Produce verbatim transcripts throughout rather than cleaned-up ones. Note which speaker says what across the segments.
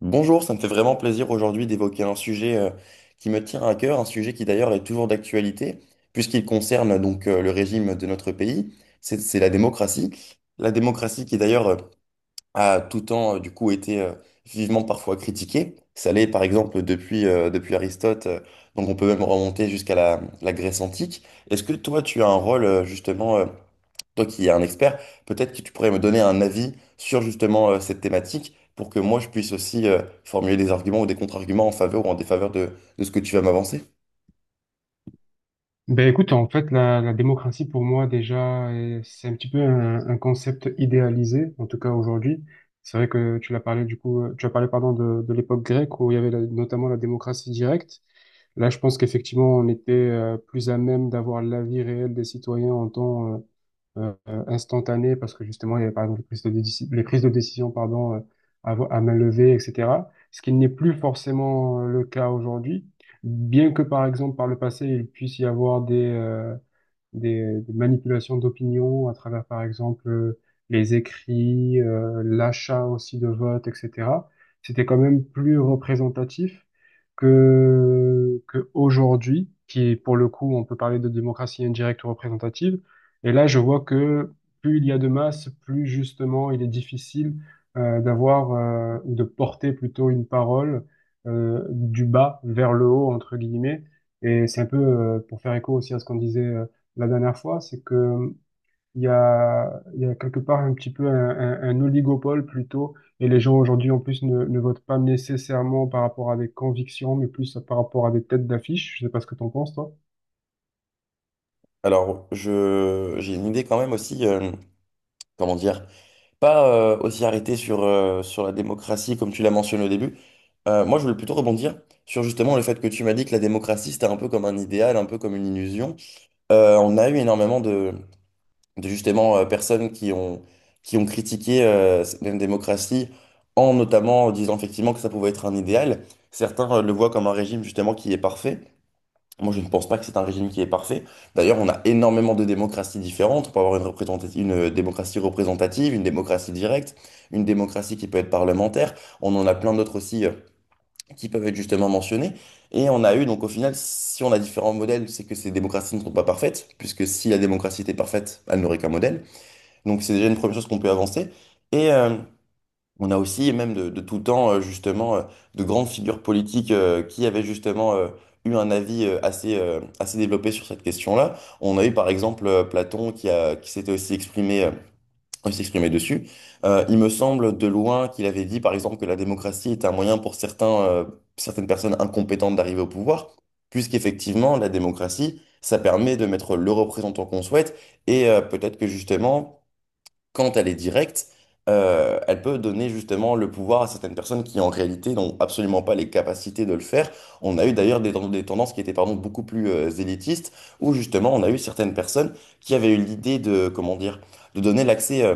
Speaker 1: Bonjour, ça me fait vraiment plaisir aujourd'hui d'évoquer un sujet euh, qui me tient à cœur, un sujet qui d'ailleurs est toujours d'actualité, puisqu'il concerne donc euh, le régime de notre pays, c'est c'est la démocratie. La démocratie qui d'ailleurs euh, a tout temps euh, du coup été euh, vivement parfois critiquée. Ça l'est par exemple depuis, euh, depuis Aristote, euh, donc on peut même remonter jusqu'à la, la Grèce antique. Est-ce que toi tu as un rôle euh, justement euh, toi qui es un expert, peut-être que tu pourrais me donner un avis sur justement euh, cette thématique pour que moi je puisse aussi euh, formuler des arguments ou des contre-arguments en faveur ou en défaveur de, de ce que tu vas m'avancer.
Speaker 2: Ben écoute, en fait, la, la démocratie pour moi déjà, euh, c'est un petit peu un, un concept idéalisé, en tout cas aujourd'hui. C'est vrai que tu l'as parlé du coup, euh, tu as parlé pardon de, de l'époque grecque où il y avait la- notamment la démocratie directe. Là, je pense qu'effectivement, on était euh, plus à même d'avoir l'avis réel des citoyens en temps euh, euh, euh, instantanées parce que justement, il y avait par exemple les prises de, déci- les prises de décision pardon, euh, à, vo- à main levée, et cetera. Ce qui n'est plus forcément euh, le cas aujourd'hui, bien que par exemple par le passé, il puisse y avoir des, euh, des, des manipulations d'opinion à travers, par exemple, euh, les écrits, euh, l'achat aussi de votes, et cetera. C'était quand même plus représentatif que, que aujourd'hui, qui pour le coup, on peut parler de démocratie indirecte ou représentative. Et là, je vois que plus il y a de masse, plus justement il est difficile euh, d'avoir euh, ou de porter plutôt une parole euh, du bas vers le haut, entre guillemets. Et c'est un peu, euh, pour faire écho aussi à ce qu'on disait euh, la dernière fois, c'est que il y a, il y a quelque part un petit peu un, un- un oligopole plutôt, et les gens aujourd'hui en plus ne, ne votent pas nécessairement par rapport à des convictions, mais plus par rapport à des têtes d'affiche. Je sais pas ce que t'en penses, toi.
Speaker 1: Alors, je, j'ai une idée quand même aussi, euh, comment dire, pas euh, aussi arrêtée sur, euh, sur la démocratie comme tu l'as mentionné au début. Euh, moi, je voulais plutôt rebondir sur justement le fait que tu m'as dit que la démocratie, c'était un peu comme un idéal, un peu comme une illusion. Euh, on a eu énormément de, de justement euh, personnes qui ont, qui ont critiqué euh, cette même démocratie en notamment euh, disant effectivement que ça pouvait être un idéal. Certains euh, le voient comme un régime justement qui est parfait. Moi, je ne pense pas que c'est un régime qui est parfait. D'ailleurs, on a énormément de démocraties différentes. On peut avoir une représentati- une euh, démocratie représentative, une démocratie directe, une démocratie qui peut être parlementaire. On en a plein d'autres aussi euh, qui peuvent être justement mentionnés. Et on a eu, donc au final, si on a différents modèles, c'est que ces démocraties ne sont pas parfaites, puisque si la démocratie était parfaite, elle n'aurait qu'un modèle. Donc c'est déjà une première chose qu'on peut avancer. Et euh, on a aussi, même de, de tout temps, euh, justement, euh, de grandes figures politiques euh, qui avaient justement euh, eu un avis euh, assez, euh, assez développé sur cette question-là. On a eu par exemple euh, Platon qui a, qui s'était aussi exprimé, euh, aussi exprimé dessus. Euh, il me semble de loin qu'il avait dit par exemple que la démocratie était un moyen pour certains, euh, certaines personnes incompétentes d'arriver au pouvoir, puisqu'effectivement, la démocratie, ça permet de mettre le représentant qu'on souhaite et euh, peut-être que justement quand elle est directe, euh, elle peut donner justement le pouvoir à certaines personnes qui en réalité n'ont absolument pas les capacités de le faire. On a eu d'ailleurs des, ten- des tendances qui étaient pardon, beaucoup plus euh, élitistes, où justement on a eu certaines personnes qui avaient eu l'idée de, comment dire, de donner l'accès. euh,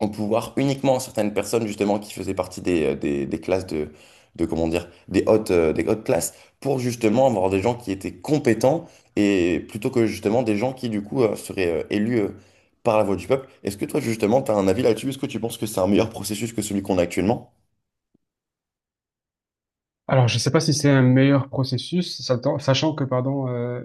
Speaker 1: En pouvoir uniquement à certaines personnes justement qui faisaient partie des, euh, des, des classes de, de comment dire des hautes euh, des hautes classes pour justement avoir des gens qui étaient compétents et plutôt que justement des gens qui du coup euh, seraient euh, élus euh, par la voix du peuple. Est-ce que toi justement tu as un avis là-dessus? Est-ce que tu penses que c'est un meilleur processus que celui qu'on a actuellement?
Speaker 2: Alors, je ne sais pas si c'est un meilleur processus, satan- sachant que, pardon, euh,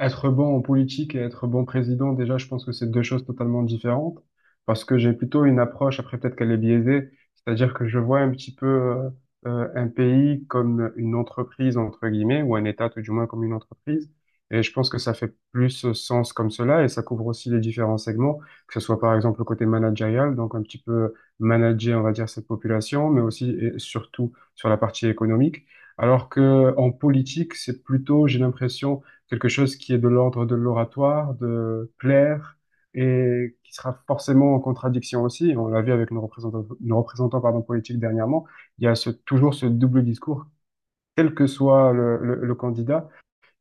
Speaker 2: être bon en politique et être bon président, déjà, je pense que c'est deux choses totalement différentes, parce que j'ai plutôt une approche, après peut-être qu'elle est biaisée, c'est-à-dire que je vois un petit peu euh, euh, un pays comme une entreprise, entre guillemets, ou un État tout du moins comme une entreprise, et je pense que ça fait plus sens comme cela, et ça couvre aussi les différents segments, que ce soit par exemple le côté managérial, donc un petit peu manager, on va dire, cette population, mais aussi et surtout sur la partie économique. Alors que en politique, c'est plutôt, j'ai l'impression, quelque chose qui est de l'ordre de l'oratoire, de plaire, et qui sera forcément en contradiction aussi. On l'a vu avec nos représentants, nos représentants, pardon, politiques dernièrement. Il y a ce- toujours ce double discours, quel que soit le, le- le candidat,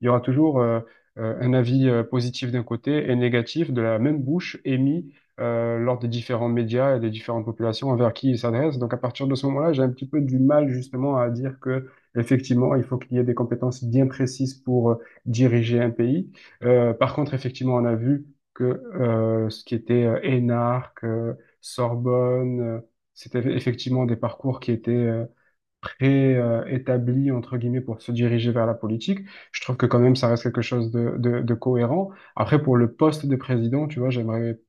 Speaker 2: il y aura toujours euh, euh, un avis euh, positif d'un côté et négatif de la même bouche émis euh, lors des différents médias et des différentes populations envers qui ils s'adressent. Donc à partir de ce moment-là, j'ai un petit peu du mal justement à dire que effectivement, il faut qu'il y ait des compétences bien précises pour euh, diriger un pays. Euh, par contre, effectivement, on a vu que euh, ce qui était euh, énarque, euh, Sorbonne, euh, c'était effectivement des parcours qui étaient euh, pré-établi, entre guillemets, pour se diriger vers la politique. Je trouve que quand même, ça reste quelque chose de, de, de cohérent. Après, pour le poste de président, tu vois, j'aimerais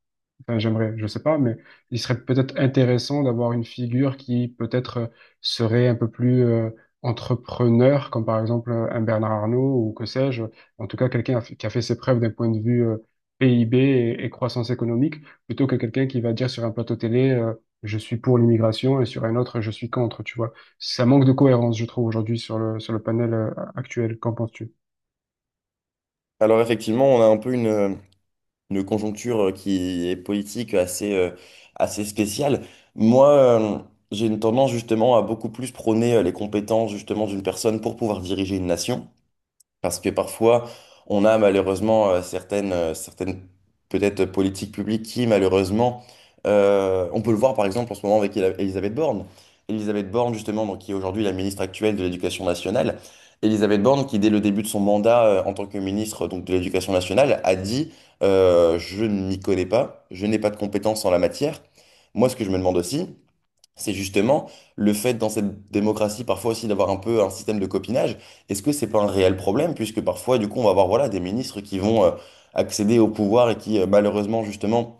Speaker 2: enfin, j'aimerais, je sais pas, mais il serait peut-être intéressant d'avoir une figure qui peut-être euh, serait un peu plus euh, entrepreneur, comme par exemple euh, un Bernard Arnault ou que sais-je. En tout cas, quelqu'un a fait- qui a fait ses preuves d'un point de vue euh, P I B et, et croissance économique, plutôt que quelqu'un qui va dire sur un plateau télé, euh, je suis pour l'immigration et sur un autre, je suis contre, tu vois. Ça manque de cohérence, je trouve, aujourd'hui sur le, sur le panel euh, actuel. Qu'en penses-tu?
Speaker 1: Alors effectivement, on a un peu une, euh, une conjoncture euh, qui est politique euh, assez, euh, assez spéciale. Moi, euh, j'ai une tendance justement à beaucoup plus prôner euh, les compétences justement d'une personne pour pouvoir diriger une nation. Parce que parfois, on a malheureusement euh, certaines, euh, certaines peut-être politiques publiques qui, malheureusement, euh, on peut le voir par exemple en ce moment avec Ela- Elisabeth Borne. Elisabeth Borne, justement, donc, qui est aujourd'hui la ministre actuelle de l'Éducation nationale. Elisabeth Borne, qui dès le début de son mandat euh, en tant que ministre donc, de l'Éducation nationale, a dit euh, Je ne m'y connais pas, je n'ai pas de compétences en la matière. » Moi, ce que je me demande aussi, c'est justement le fait dans cette démocratie parfois aussi d'avoir un peu un système de copinage. Est-ce que c'est pas un réel problème puisque parfois du coup on va avoir voilà des ministres qui vont euh, accéder au pouvoir et qui euh, malheureusement justement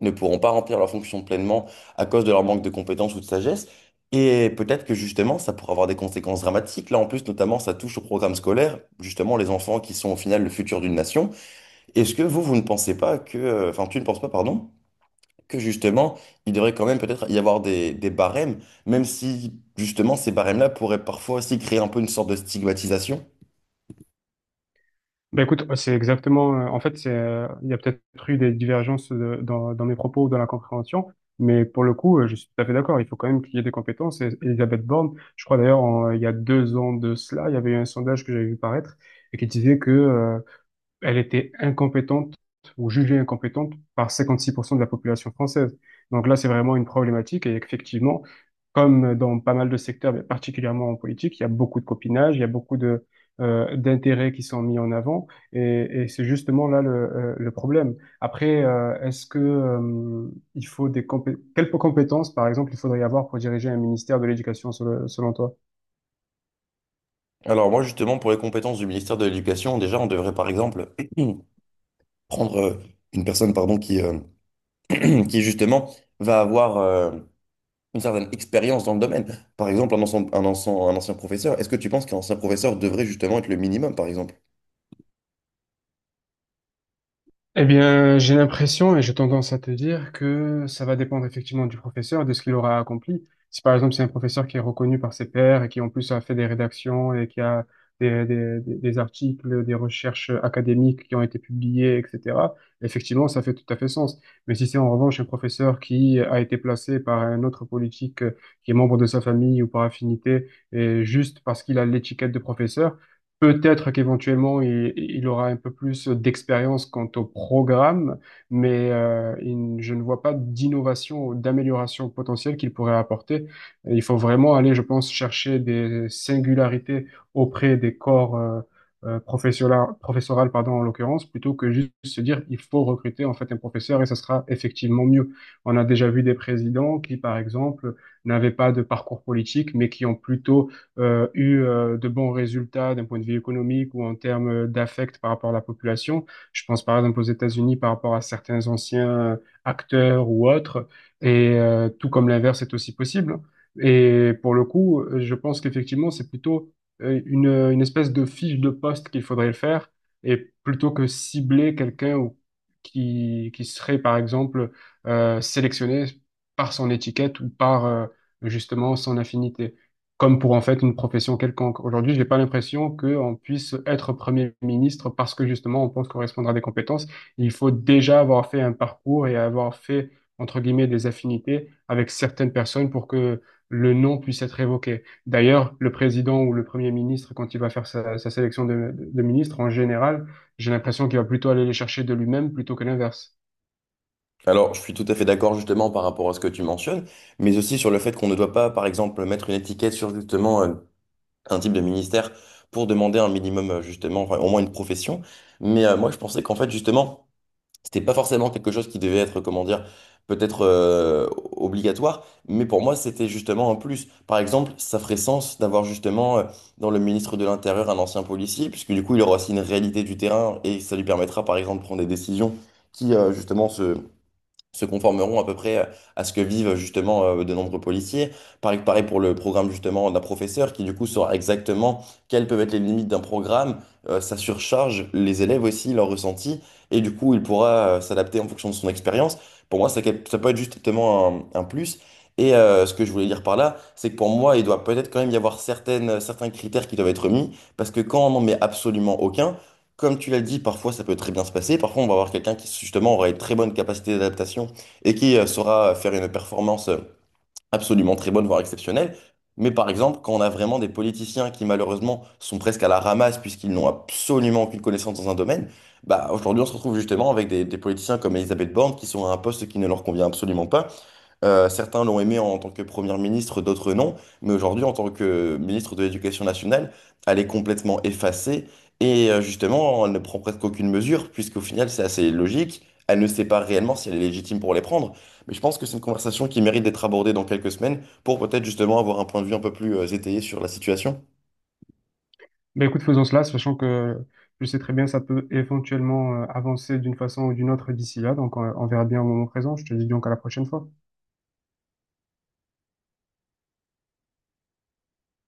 Speaker 1: ne pourront pas remplir leurs fonctions pleinement à cause de leur manque de compétences ou de sagesse. Et peut-être que justement ça pourrait avoir des conséquences dramatiques. Là en plus notamment ça touche au programme scolaire, justement les enfants qui sont au final le futur d'une nation. Est-ce que vous vous ne pensez pas que euh, enfin Tu ne penses pas pardon que justement, il devrait quand même peut-être y avoir des, des barèmes, même si justement ces barèmes-là pourraient parfois aussi créer un peu une sorte de stigmatisation.
Speaker 2: Ben écoute, ouais, c'est exactement. euh, En fait, c'est, euh, il y a peut-être eu des divergences euh, dans, dans mes propos ou dans la compréhension, mais pour le coup, euh, je suis tout à fait d'accord. Il faut quand même qu'il y ait des compétences. Et Elisabeth Borne, je crois d'ailleurs, en- il y a deux ans de cela, il y avait eu un sondage que j'avais vu paraître et qui disait que euh, elle était incompétente ou jugée incompétente par cinquante-six pour cent de la population française. Donc là, c'est vraiment une problématique et effectivement, comme dans pas mal de secteurs, mais particulièrement en politique, il y a beaucoup de copinage, il y a beaucoup de euh, d'intérêts qui sont mis en avant et, et c'est justement là le, euh, le problème. Après, euh, est-ce que euh, il faut des compé- quelles compétences, par exemple, il faudrait avoir pour diriger un ministère de l'éducation selon, selon toi?
Speaker 1: Alors moi justement, pour les compétences du ministère de l'Éducation, déjà on devrait par exemple prendre euh, une personne pardon, qui, euh, qui justement va avoir euh, une certaine expérience dans le domaine. Par exemple, un ancien, un ancien, un ancien professeur, est-ce que tu penses qu'un ancien professeur devrait justement être le minimum, par exemple?
Speaker 2: Eh bien, j'ai l'impression et j'ai tendance à te dire que ça va dépendre effectivement du professeur, de ce qu'il aura accompli. Si par exemple c'est un professeur qui est reconnu par ses pairs et qui en plus a fait des rédactions et qui a des, des, des- des articles, des recherches académiques qui ont été publiées, et cetera, effectivement, ça fait tout à fait sens. Mais si c'est en revanche un professeur qui a été placé par un autre politique euh, qui est membre de sa famille ou par affinité, et juste parce qu'il a l'étiquette de professeur, Peut-être qu'éventuellement, il, il aura un peu plus d'expérience quant au programme, mais euh, il- je ne vois pas d'innovation ou d'amélioration potentielle qu'il pourrait apporter. Il faut vraiment aller, je pense, chercher des singularités auprès des corps euh, euh, professionnels- professoral, pardon, en l'occurrence, plutôt que juste se dire il faut recruter en fait un professeur et ça sera effectivement mieux. On a déjà vu des présidents qui, par exemple, n'avaient pas de parcours politique, mais qui ont plutôt euh, eu euh, de bons résultats d'un point de vue économique ou en termes euh, d'affect par rapport à la population. Je pense par exemple aux États-Unis par rapport à certains anciens euh, acteurs ou autres, et euh, tout comme l'inverse est aussi possible. Et pour le coup, je pense qu'effectivement, c'est plutôt euh, une, une espèce de fiche de poste qu'il faudrait le faire, et plutôt que cibler quelqu'un ou qui, qui serait, par exemple, euh, sélectionné par son étiquette ou par euh, justement son affinité comme pour en fait une profession quelconque. Aujourd'hui, je n'ai pas l'impression qu'on puisse être Premier ministre parce que justement on pense correspondre à des compétences. Il faut déjà avoir fait un parcours et avoir fait, entre guillemets, des affinités avec certaines personnes pour que le nom puisse être évoqué. D'ailleurs, le président ou le Premier ministre, quand il va faire sa, sa sélection de, de, ministres, en général, j'ai l'impression qu'il va plutôt aller les chercher de lui-même plutôt que l'inverse.
Speaker 1: Alors, je suis tout à fait d'accord justement par rapport à ce que tu mentionnes, mais aussi sur le fait qu'on ne doit pas, par exemple, mettre une étiquette sur justement euh, un type de ministère pour demander un minimum euh, justement, enfin, au moins une profession. Mais euh, moi, je pensais qu'en fait, justement, c'était pas forcément quelque chose qui devait être, comment dire, peut-être euh, obligatoire, mais pour moi, c'était justement un plus. Par exemple, ça ferait sens d'avoir justement euh, dans le ministre de l'Intérieur un ancien policier, puisque du coup, il aura aussi une réalité du terrain et ça lui permettra, par exemple, de prendre des décisions qui, euh, justement, se, se conformeront à peu près euh, à ce que vivent justement euh, de nombreux policiers. Pareil, pareil pour le programme justement d'un professeur qui du coup saura exactement quelles peuvent être les limites d'un programme, euh, ça surcharge les élèves aussi, leurs ressentis, et du coup il pourra euh, s'adapter en fonction de son expérience. Pour moi, ça, ça peut être justement un, un plus. Et euh, ce que je voulais dire par là, c'est que pour moi, il doit peut-être quand même y avoir certaines, certains critères qui doivent être mis, parce que quand on n'en met absolument aucun, comme tu l'as dit, parfois ça peut très bien se passer. Parfois, on va avoir quelqu'un qui justement aura une très bonne capacité d'adaptation et qui euh, saura faire une performance euh, absolument très bonne, voire exceptionnelle. Mais par exemple, quand on a vraiment des politiciens qui malheureusement sont presque à la ramasse puisqu'ils n'ont absolument aucune connaissance dans un domaine, bah aujourd'hui on se retrouve justement avec des, des politiciens comme Elisabeth Borne qui sont à un poste qui ne leur convient absolument pas. Euh, certains l'ont aimé en tant que Premier ministre, d'autres non. Mais aujourd'hui, en tant que ministre de l'Éducation nationale, elle est complètement effacée. Et euh, justement, elle ne prend presque aucune mesure, puisqu'au final, c'est assez logique. Elle ne sait pas réellement si elle est légitime pour les prendre. Mais je pense que c'est une conversation qui mérite d'être abordée dans quelques semaines pour peut-être justement avoir un point de vue un peu plus euh, étayé sur la situation.
Speaker 2: Ben écoute, faisons cela, sachant que je sais très bien ça peut éventuellement euh, avancer d'une façon ou d'une autre d'ici là. Donc, on, on verra bien au moment présent. Je te dis donc à la prochaine fois.